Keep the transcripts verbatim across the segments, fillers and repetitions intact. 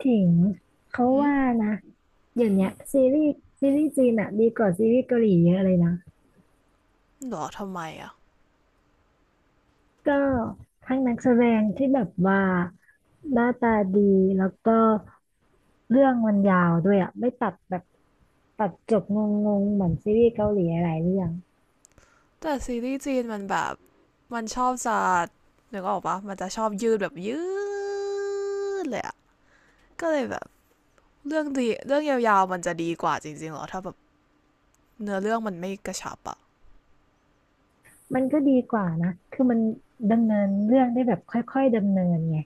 ถึงเขาอืว่ามนะเดี๋ยวเนี้ยซีรีส์ซีรีส์จีนอะดีกว่าซีรีส์เกาหลีเยอะเลยนะหรอทำไมอ่ะก็ทั้งนักแสดงที่แบบว่าหน้าตาดีแล้วก็เรื่องมันยาวด้วยอะไม่ตัดแบบตัดจบงงๆเหมือนซีรีส์เกาหลีหลายเรื่อง แต่ซีรีส์จีนมันแบบมันชอบจะนึกออกปะมันจะชอบยืดแบบยืดเลยอ่ะก็เลยแบบเรื่องดีเรื่องยาวๆมันจะดีกว่าจริงๆหรอถ้าแบบเนื้อเรื่องมันไม่กระชับอ่ะมันก็ดีกว่านะคือมันดำเนินเรื่องได้แบบค่อยๆดำเนินไง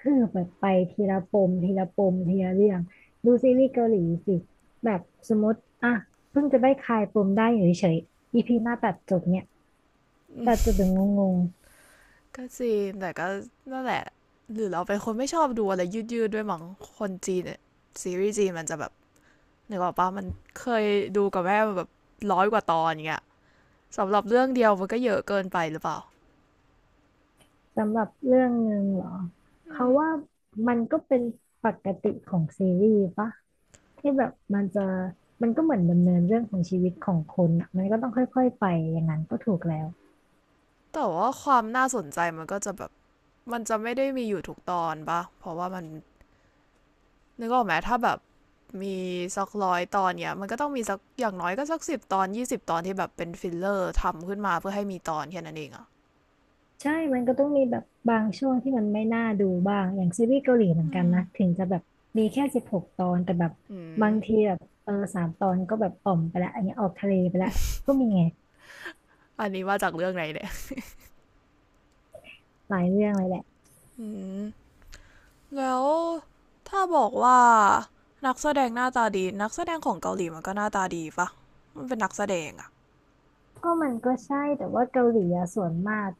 คือแบบไปทีละปมทีละปมทีละเรื่องดูซีรีส์เกาหลีสิแบบสมมติอ่ะเพิ่งจะได้คลายปมได้อยู่เฉยๆ อี พี หน้าตัดจบเนี่ยตัดจบแบบงงก็จริงแต่ก็นั่นแหละหรือเราเป็นคนไม่ชอบดูอะไรยืดๆด้วยมั้งคนจีนเนี่ยซีรีส์จีนมันจะแบบนึกออกปะมันเคยดูกับแม่แบบร้อยกว่าตอนอย่างเงี้ยสำหรับเรื่องเดียวมันก็เยอะเกินไปหรือเปล่าๆสำหรับเรื่องหนึ่งเหรอเขาว่ามันก็เป็นปกติของซีรีส์ปะที่แบบมันจะมันก็เหมือนดำเนินเรื่องของชีวิตของคนอ่ะมันก็ต้องค่อยๆไปอย่างนั้นก็ถูกแล้ว แต่ว่าความน่าสนใจมันก็จะแบบ มันจะไม่ได้มีอยู่ทุกตอนปะเพราะว่ามันนึกออกไหมถ้าแบบมีสักร้อยตอนเนี่ยมันก็ต้องมีสักอย่างน้อยก็สักสิบตอนยี่สิบตอนที่แบบเป็นฟิลเลอร์ทำขึ้นมาเพื่อให้มีตอนแค่นั้นเองอะใช่มันก็ต้องมีแบบบางช่วงที่มันไม่น่าดูบ้าง อย่างซีรีส์เกาหลีเหมือนอืกันมนะ ถึงจะแบบมีแค่สิบหกตอน แต่แบบอืม บางทีแบบเออสามตอนก็แบบอ่อมไปละอันนี้ออกทะเลไปละก็มีไงอันนี้มาจากเรื่องไหนเนี่ย หลายเรื่องเลยแหละแล้วถ้าบอกว่านักแสดงหน้าตาดีนักแสดงของเกาหลีมันก็หน้าตาดีปะมันเป็นนักแสดงอะ ก็มันก็ใช่แต่ว่าเกาหลีอะส่วนมาก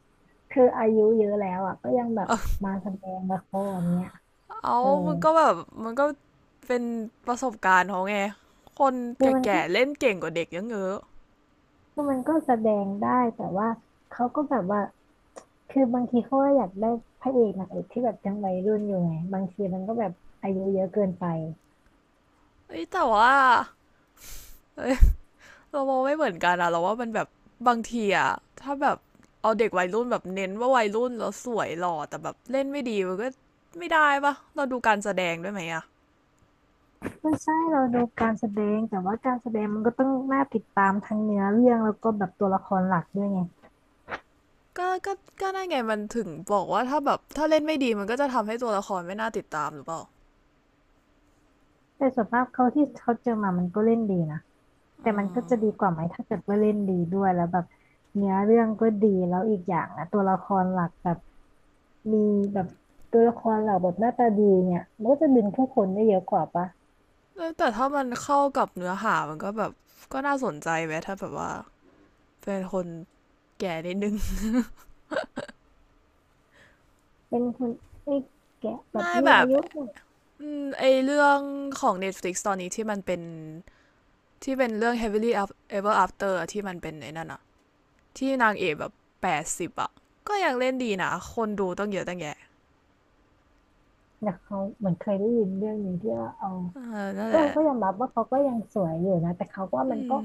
คืออายุเยอะแล้วอ่ะก็ยังแบ บเอมาแสดงละครเนี้ยาเออมันก็แบบมันก็เป็นประสบการณ์เขาไงคนแคือมันก็ก่ๆเล่นเก่งกว่าเด็กเยอะ คือมันก็แสดงได้แต่ว่าเขาก็แบบว่า คือบางทีเขาก็อยากได้พระเอกนางเอกที่แบบยังวัยรุ่นอยู่ไงบางทีมันก็แบบอายุเยอะเกินไปเอ้ยแต่ว่าเอ้ย เรามองไม่เหมือนกันอะเราว่ามันแบบบางทีอะถ้าแบบเอาเด็กวัยรุ่นแบบเน้นว่าวัยรุ่นแล้วสวยหล่อแต่แบบเล่นไม่ดีมันก็ไม่ได้ปะเราดูการแสดงด้วยไหมอะไม่ใช่เราดูการแสดงแต่ว่าการแสดงมันก็ต้องน่าติดตามทั้งเนื้อเรื่องแล้วก็แบบตัวละครหลักด้วยไงก็ก็ก็นั่นไงมันถึงบอกว่าถ้าแบบถ้าเล่นไม่ดีมันก็จะทำให้ตัวละครไม่น่าติดตามหรือเปล่าแต่ส่วนมากเขาที่เขาเจอมามันก็เล่นดีนะแต่มันก็จะดีกว่าไหมถ้าเกิดว่าเล่นดีด้วยแล้วแบบเนื้อเรื่องก็ดีแล้วอีกอย่างนะตัวละครหลักแบบมีแบบตัวละครหลักแบบหน้าตาดีเนี่ยมันก็จะดึงผู้คนได้เยอะกว่าปะแต่ถ้ามันเข้ากับเนื้อหามันก็แบบก็น่าสนใจไหมถ้าแบบว่าเป็นคนแก่นิดนึง เป็นคนไอ้แกะ แบบไม่มีแบอาบยุหน่อย ไอเรื่องของ Netflix ตอนนี้ที่มันเป็น ที่เป็นเรื่อง heavily ever after อที่มันเป็นไอ้นั่นอะที่นางเอกแบบแปดสิบอะก็ยังเล่นดีนะคนดูต้องเยอะตั้งแยะแต่เขาเหมือนเคยได้ยินเรื่องนี้ที่ว่าเอานั่นก็แหละก็ยอมรับว่าเขาก็ยังสวยอยู่นะแต่เขาก็ว่ามัอืนก็ม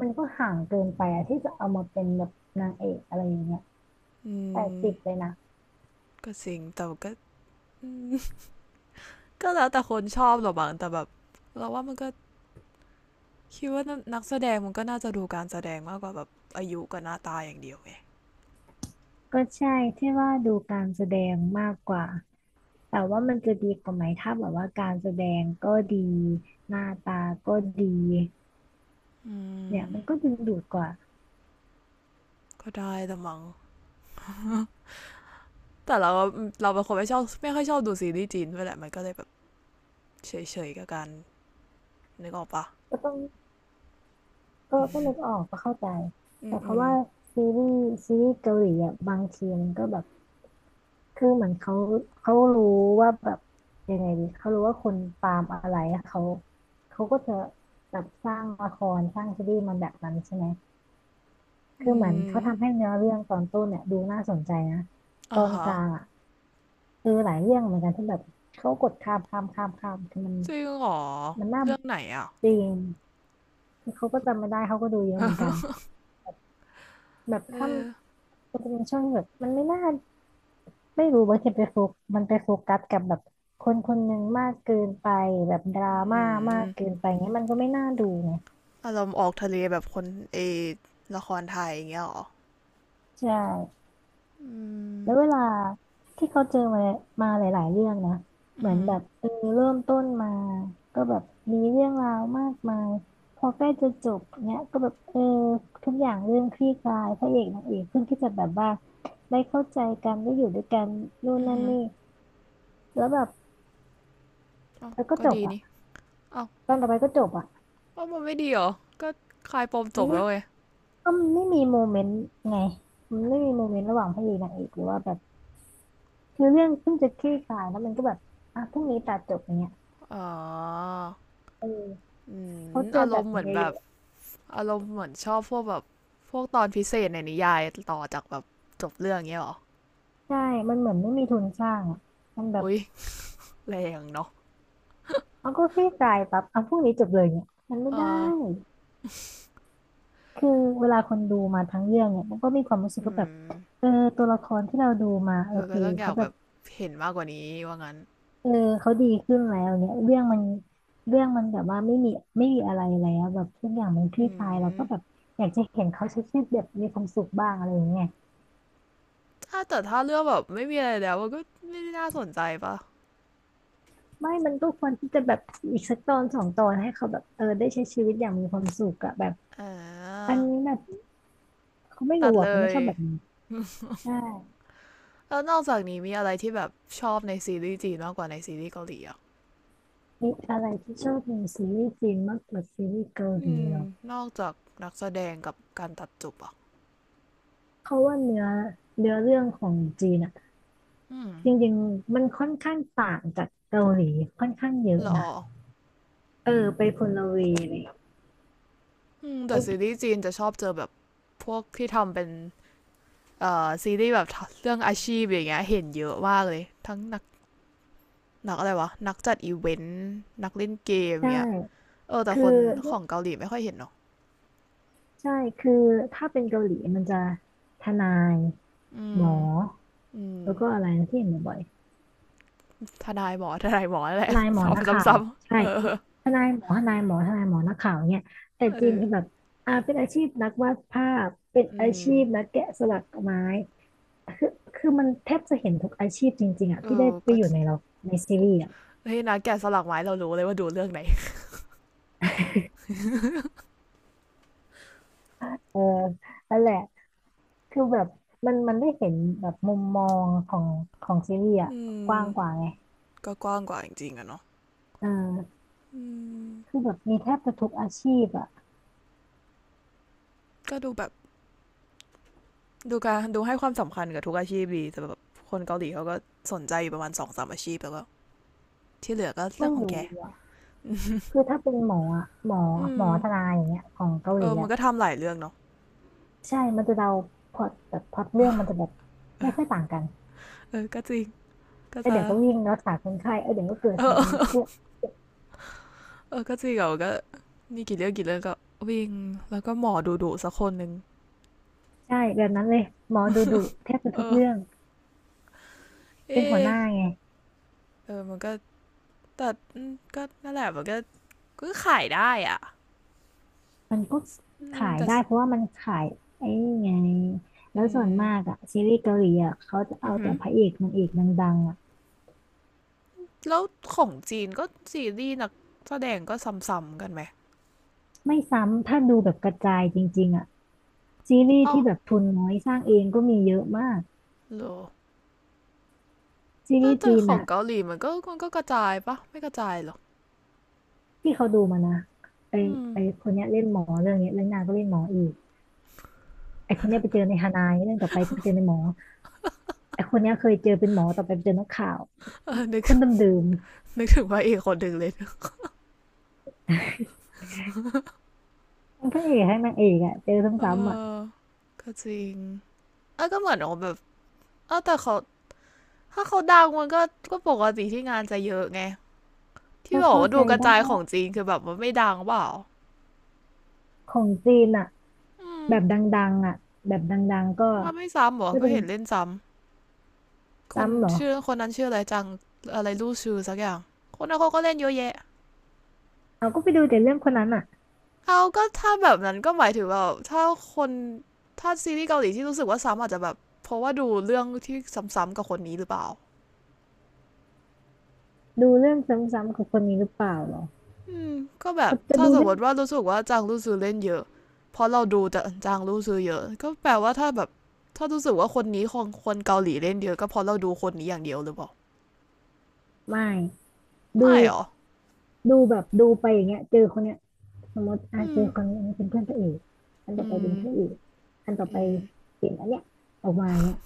มันก็ห่างเกินไปอะที่จะเอามาเป็นแบบนางเอกอะไรอย่างเงี้ยอืแปดมสิบเลยนะก็จริงแต่ก็ ก็แล้วแต่คนชอบหรอกบางแต่แบบเราว่ามันก็คิดว่านักแสดงมันก็น่าจะดูการแสดงมากกว่าแบบอายุกับหน้าตาอย่างเดียวไงก็ใช่ที่ว่าดูการแสดงมากกว่าแต่ว่ามันจะดีกว่าไหมถ้าแบบว่าการแสดงก็ดีหน้าตาก็ดีอืเนี่มยมันก็ดึงดูดกว่าก็ได้แต่มังแต่เราเราเป็นคนไม่ชอบไม่ค่อยชอบดูซีรีส์จีนด้วยแหละมันก็เลยแบบเฉยๆกับการนึกออกปะก็ต้องก็ก็นึกออกก็เข้าใจ อืแต่เขาม ว่าซีรีส์ซีรีส์เกาหลีอ่ะบางทีมันก็แบบ คือเหมือนเขาเขารู้ว่าแบบยังไงดีเขารู้ว่าคนตามอะไรเขาเขาก็จะแบบสร้างละครสร้างซีรีส์มันแบบนั้นใช่ไหมคือือเหมือนเขามทำให้เนื้อเรื่องตอนต้นเนี่ยดูน่าสนใจนะตอ่าอนกฮะลางอ่ะคือหลายเรื่องเหมือนกันที่แบบเขากดข้ามข้ามข้ามข้ามคือมันจริงเหรอมันน่าเรื่องไหนอ่ะ จริงคือเขาก็จำไม่ได้เขาก็ดูเยอะเหมือนกันแบบถ้ามันจะเป็นช่วงที่แบบมันไม่น่า ไม่รู้บางทีไปโฟกมันไปโฟกัสกับแบบคนคนหนึ่งมากเกินไปแบบดราอม่าืมากมเกินไปเงี้ยมันก็ไม่น่าดูไงอารมณ์ออกทะเลแบบคนเอ ละครไทยอย่างเงี้ยเหรอใช่แล้วเวลาที่เขาเจอมามาหลายๆเรื่องนะเหมือนแบบเออเริ่มต้นมาก็แบบมีเรื่องราวมากมายพอใกล้จะจบเนี้ยก็แบบเออทุกอย่างเริ่มคลี่คลายพระเอกนางเอกเพิ่งที่จะแบบว่าได้เข้าใจกันได้อยู่ด้วยกันนู่นนั่นนี่แล้วแบบอ้าวแล้วก็ก็จบดีอ่ะนี่ อ้าวตอนต่อไปก็จบอ่ะ ว่ามันไม่ดีเหรอ ก็คลายปมจบแล้วเว้ยก็มันไม่มีโมเมนต์ไงมันไม่มีโมเมนต์ระหว่างพระเอกนางเอกหรือว่าแบบคือเรื่องเพิ่งจะคลี่คลายแล้วมันก็แบบอ่ะพรุ่งนี้ตัดจบอย่างเงี้ยอ๋อเอออืเขามเจอาอรแบมบณ์เหมือนนี้แบเยบ อะอารมณ์เหมือนชอบพวกแบบ พวกตอนพิเศษในนิยายต่อจากแบบจบเรื่องเงี้ยเหรอ ๆใช่มันเหมือนไม่มีทุนสร้างอ่ะมันแบบอุ๊ยแรงเนาะเอาก็คลี่คลายปั๊บเอาพรุ่งนี้จบเลยเนี่ยมันไม่เอได้อคือเวลาคนดูมาทั้งเรื่องเนี่ยมันก็มีความรู้สึกอืก็แบบมเออตัวละครที่เราดูมาโอเออเคก็ต้องอเขายากแบแบบ บเห็นมากกว่านี้ว่างั้นเออเขาดีขึ้นแล้วเนี่ยเรื่องมันเรื่องมันแบบว่าไม่มีไม่มีอะไรแล้วแบบทุกอย่างมันคลี่อืคลายเราม ก็แบบอยากจะเห็นเขาใช้ชีวิตแบบมีความสุขบ้างอะไรอย่างเงี้ยถ้าแต่ถ้าเรื่องแบบไม่มีอะไรแล้วมันก็ไม่ได้น่าสนใจปะไม่มันก็ควรที่จะแบบอีกสักตอนสองตอนให้เขาแบบเออได้ใช้ชีวิตอย่างมีความสุขอะแบบอ่อันานี้แบบเขาไม่ตัรู้ดอะเลเขาไม่ยชอบแบบนี้ใช่แล้วนอกจากนี้มีอะไรที่แบบชอบในซีรีส์จีนมากกว่าในซีรีส์เกาหลีอ่ะมีอะไรที่ชอบในซีรีส์จีนมากกว่าซีรีส์เกาหอืลีมเหรอนอกจากนักแสดงกับการตัดจบอ่ะเพราะว่าเนื้อเนื้อเรื่องของจีนอะอืมจริงๆมันค่อนข้างต่างจากเกาหลีค่อนข้างเยหอะรอนะ เออไปคนละเวเลยอืมโอแต่ซีเครีส์จีนจะชอบเจอแบบพวกที่ทำเป็นเอ่อซีรีส์แบบเรื่องอาชีพอย่างเงี้ยเห็นเยอะมากเลยทั้งนักนักอะไรวะนักจัดอีเวนต์นักเล่นเกมใชอย่างเงี้ย่เออแต่คือคนของเกาหลีไม่ค่อยเห็นเรอกใช่คือถ้าเป็นเกาหลีมันจะทนายอืหมอมอืม แล้วก็อะไรนะที่เห็นบ่อยทนายหมอทนายหมอแหๆทละ นายห มอนักข่าทำวซ้ำใช่ๆเออทนายหมอทนายหมอทนายหมอนักข่าวเนี่ยแต่เอจริงอแบบอ่าเป็นอาชีพนักวาดภาพเป็นอือามชีพนักแกะสลักไม้คือคือมันแทบจะเห็นทุกอาชีพจริงๆอ่ะเอที่ได้อไปก็อยู่ในเราในซีรีส์อ่ะเฮ้ยนะแกะสลักไม้เรารู้เลยว่าดูเรื่องไหนเออนั่นแหละ คือแบบมันมันได้เห็นแบบมุมมองของของซีรีส์อะอืกมว้างกว่าไงก็กว้างกว่าจริงๆอะเนาะเอออืมคือแบบมีแทบจะทุกอาชีพอะก็ดูแบบดูการดูให้ความสำคัญกับทุกอาชีพดีแต่แบบคนเกาหลีเขาก็สนใจอยู่ประมาณสองสามอาชีพแล้วก็ที่เหลือก็เรื่อไม่งของแกรู้อะคือถ้าเป็นหมออะหมออืหมมอทนายอย่างเงี้ยของเกาเอหลีอมันอะก็ทำหลายเรื่องเนาะใช่มันจะเดาพล็อตแบบพล็อตเรื่องมันจะแบบไม่ค่อยต่างกันเออก็จริงก็เออจะเดี๋ยวก็วิ่งรักษาคนไข้เออเดี๋ยวก็เกิดเอเหตุน้ำอเชื่อมเออก็จริงเหมอก็นี่กี่เรื่องกี่เรื่องก็วิ่งแล้วก็หมอดูดูสักคนหนึ่ง ใช่แบบนั้นเลยหมอดูดุแทบจะเอทุกอเรื่องเอเป็นหัวหน้าอไง เออมันก็แต่มก็นั่นแหละมันก็ก็ขายได้อ่ะมันก็ขายแต่ได้เพราะว่ามันขายไอ้นี่ไงแล้อืวส่วนมมากอะซีรีส์เกาหลีอะเขาจะอืเอาอหืแต่อพระเอกนางเอกดังๆอะแล้วของจีนก็ซีรีส์นักแสดงก็ซ้ำๆกันไหมไม่ซ้ำถ้าดูแบบกระจายจริงๆอะซีรีส์อ้าวที่แบบทุนน้อยสร้างเองก็มีเยอะมากอซีโลรีส์แต่จีนของอะเกาหลีมันก็มันก็กระจายปะไม่กระจายหรอกที่เขาดูมานะไออืมไอคนเนี้ยเล่นหมอเรื่องเนี้ยเล่นนางก็เล่นหมออีกไอคนเนี้ยไปเจอในฮานายเรื่องต่อไปก็ไปเจอในหมอไอคนเนี้ยเคยเจอเป็นหมอต่อไปไปเจอนักข่าวเออนึกคนเดิมนึกถึงว่าเอกคนหนึ่งเลยนๆทั้งพระเอกทั้งนางเอกอะเจอเอซ้ำๆอะอก็จริงเออก็เหมือนแบบเออแต่เขาถ้าเขาดังมันก็ก็ปกติที่งานจะเยอะไง ที่ก็บอกเข้าว่าดูใจกระจายได้ของจีนคือแบบมันไม่ดังเปล่าของจีนอะ อืมแบบดังๆอ่ะแบบดังๆก็มันไม่ซ้ำหรอก็ก็เป็นเห็นเล่นซ้ำคนซ้ำเหรอชื่อคนนั้นชื่ออะไรจังอะไรลู่ชื่อสักอย่างคนนั้นเขาก็เล่นเยอะแยะเราก็ไปดูแต่เรื่องคนนั้นอ่ะเอาก็ถ้าแบบนั้นก็หมายถึงแบบถ้าคนถ้าซีรีส์เกาหลีที่รู้สึกว่าซ้ำอาจจะแบบเพราะว่าดูเรื่องที่ซ้ำๆกับคนนี้หรือเปล่าดูเรื่องซ้ำๆของคนนี้หรือเปล่าเหรออืมก็แบบเขาจะถ้าดูสมเรื่มองติว่ารู้สึกว่าจางลู่ซือเล่นเยอะเพราะเราดูแต่จางลู่ซือเยอะก็แปลว่าถ้าแบบถ้ารู้สึกว่าคนนี้ของคนเกาหลีเล่นเยอะก็เพราะเราดูคนนี้อย่างเดียวหรือเปล่า ไม่ดูไม่หรอ ดูแบบดูไปอย่างเงี้ยเจอคนเนี้ยสมมติอ่ะอืเจมอคนนี้อันนี้เป็นเพื่อนพระเอกอันต่ออืไปเป็นมพระเอกอันต่อไปอืมเป็นอันเนี้ยออกมาอย่างเงี้ย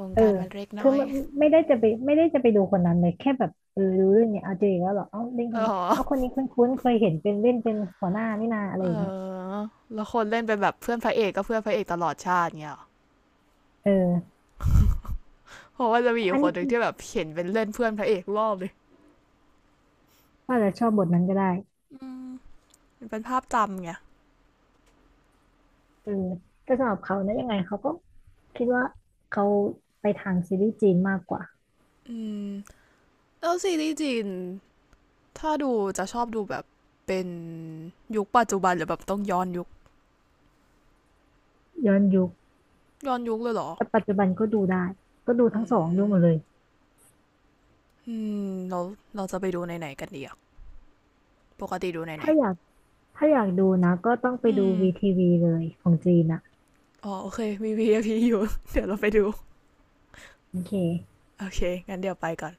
วงเออการมันเล็กคืน้ออยไม่ไม่ได้จะไปไม่ได้จะไปดูคนนั้นเลยแค่แบบเออดูเรื่องเนี้ยเอาเจออีกแล้วเหรอเอ้าเล่นคเอนอนี้เอาคนนี้คุ้นๆเคยเห็นเป็นเล่นเป็นหัวหน้านี่นาอะไรเออย่างเงี้ยอแล้วคนเล่นเป็นแบบเพื่อนพระเอกก็เพื่อนพระเอกตลอดชาติเงี้ยหเออเพราะว่าจะมีออัยู่นคนี้นหนึ่งคือ ที่แบบเห็นเป็นเล่นเพื่อนพระเอกรอบเลยก็อาจจะชอบบทนั้นก็ได้อืมมันเป็นภาพจำไงเออแต่สำหรับเขานะยังไงเขาก็คิดว่าเขาไปทางซีรีส์จีนมากกว่าอืมแล้วซีรีส์จีนถ้าดูจะชอบดูแบบเป็นยุคปัจจุบันหรือแบบต้องย้อนยุคย้อนยุคย้อนยุคเลยเหรอแต่ปัจจุบันก็ดูได้ ก็ดูอืทั้งสองดูหมดเลมย อืมเราเราจะไปดูไหนๆกันดีอ่ะปกติดูไหนถ้าอยากถ้าอยากดูนะก็ต้องไปๆอืดูม วีทีวีเลยของจีนอ่ะอ๋อโอเคมี วี ไอ พี อพีอยู่ เดี๋ยวเราไปดูโอเคโอเคงั้นเดี๋ยวไปก่อน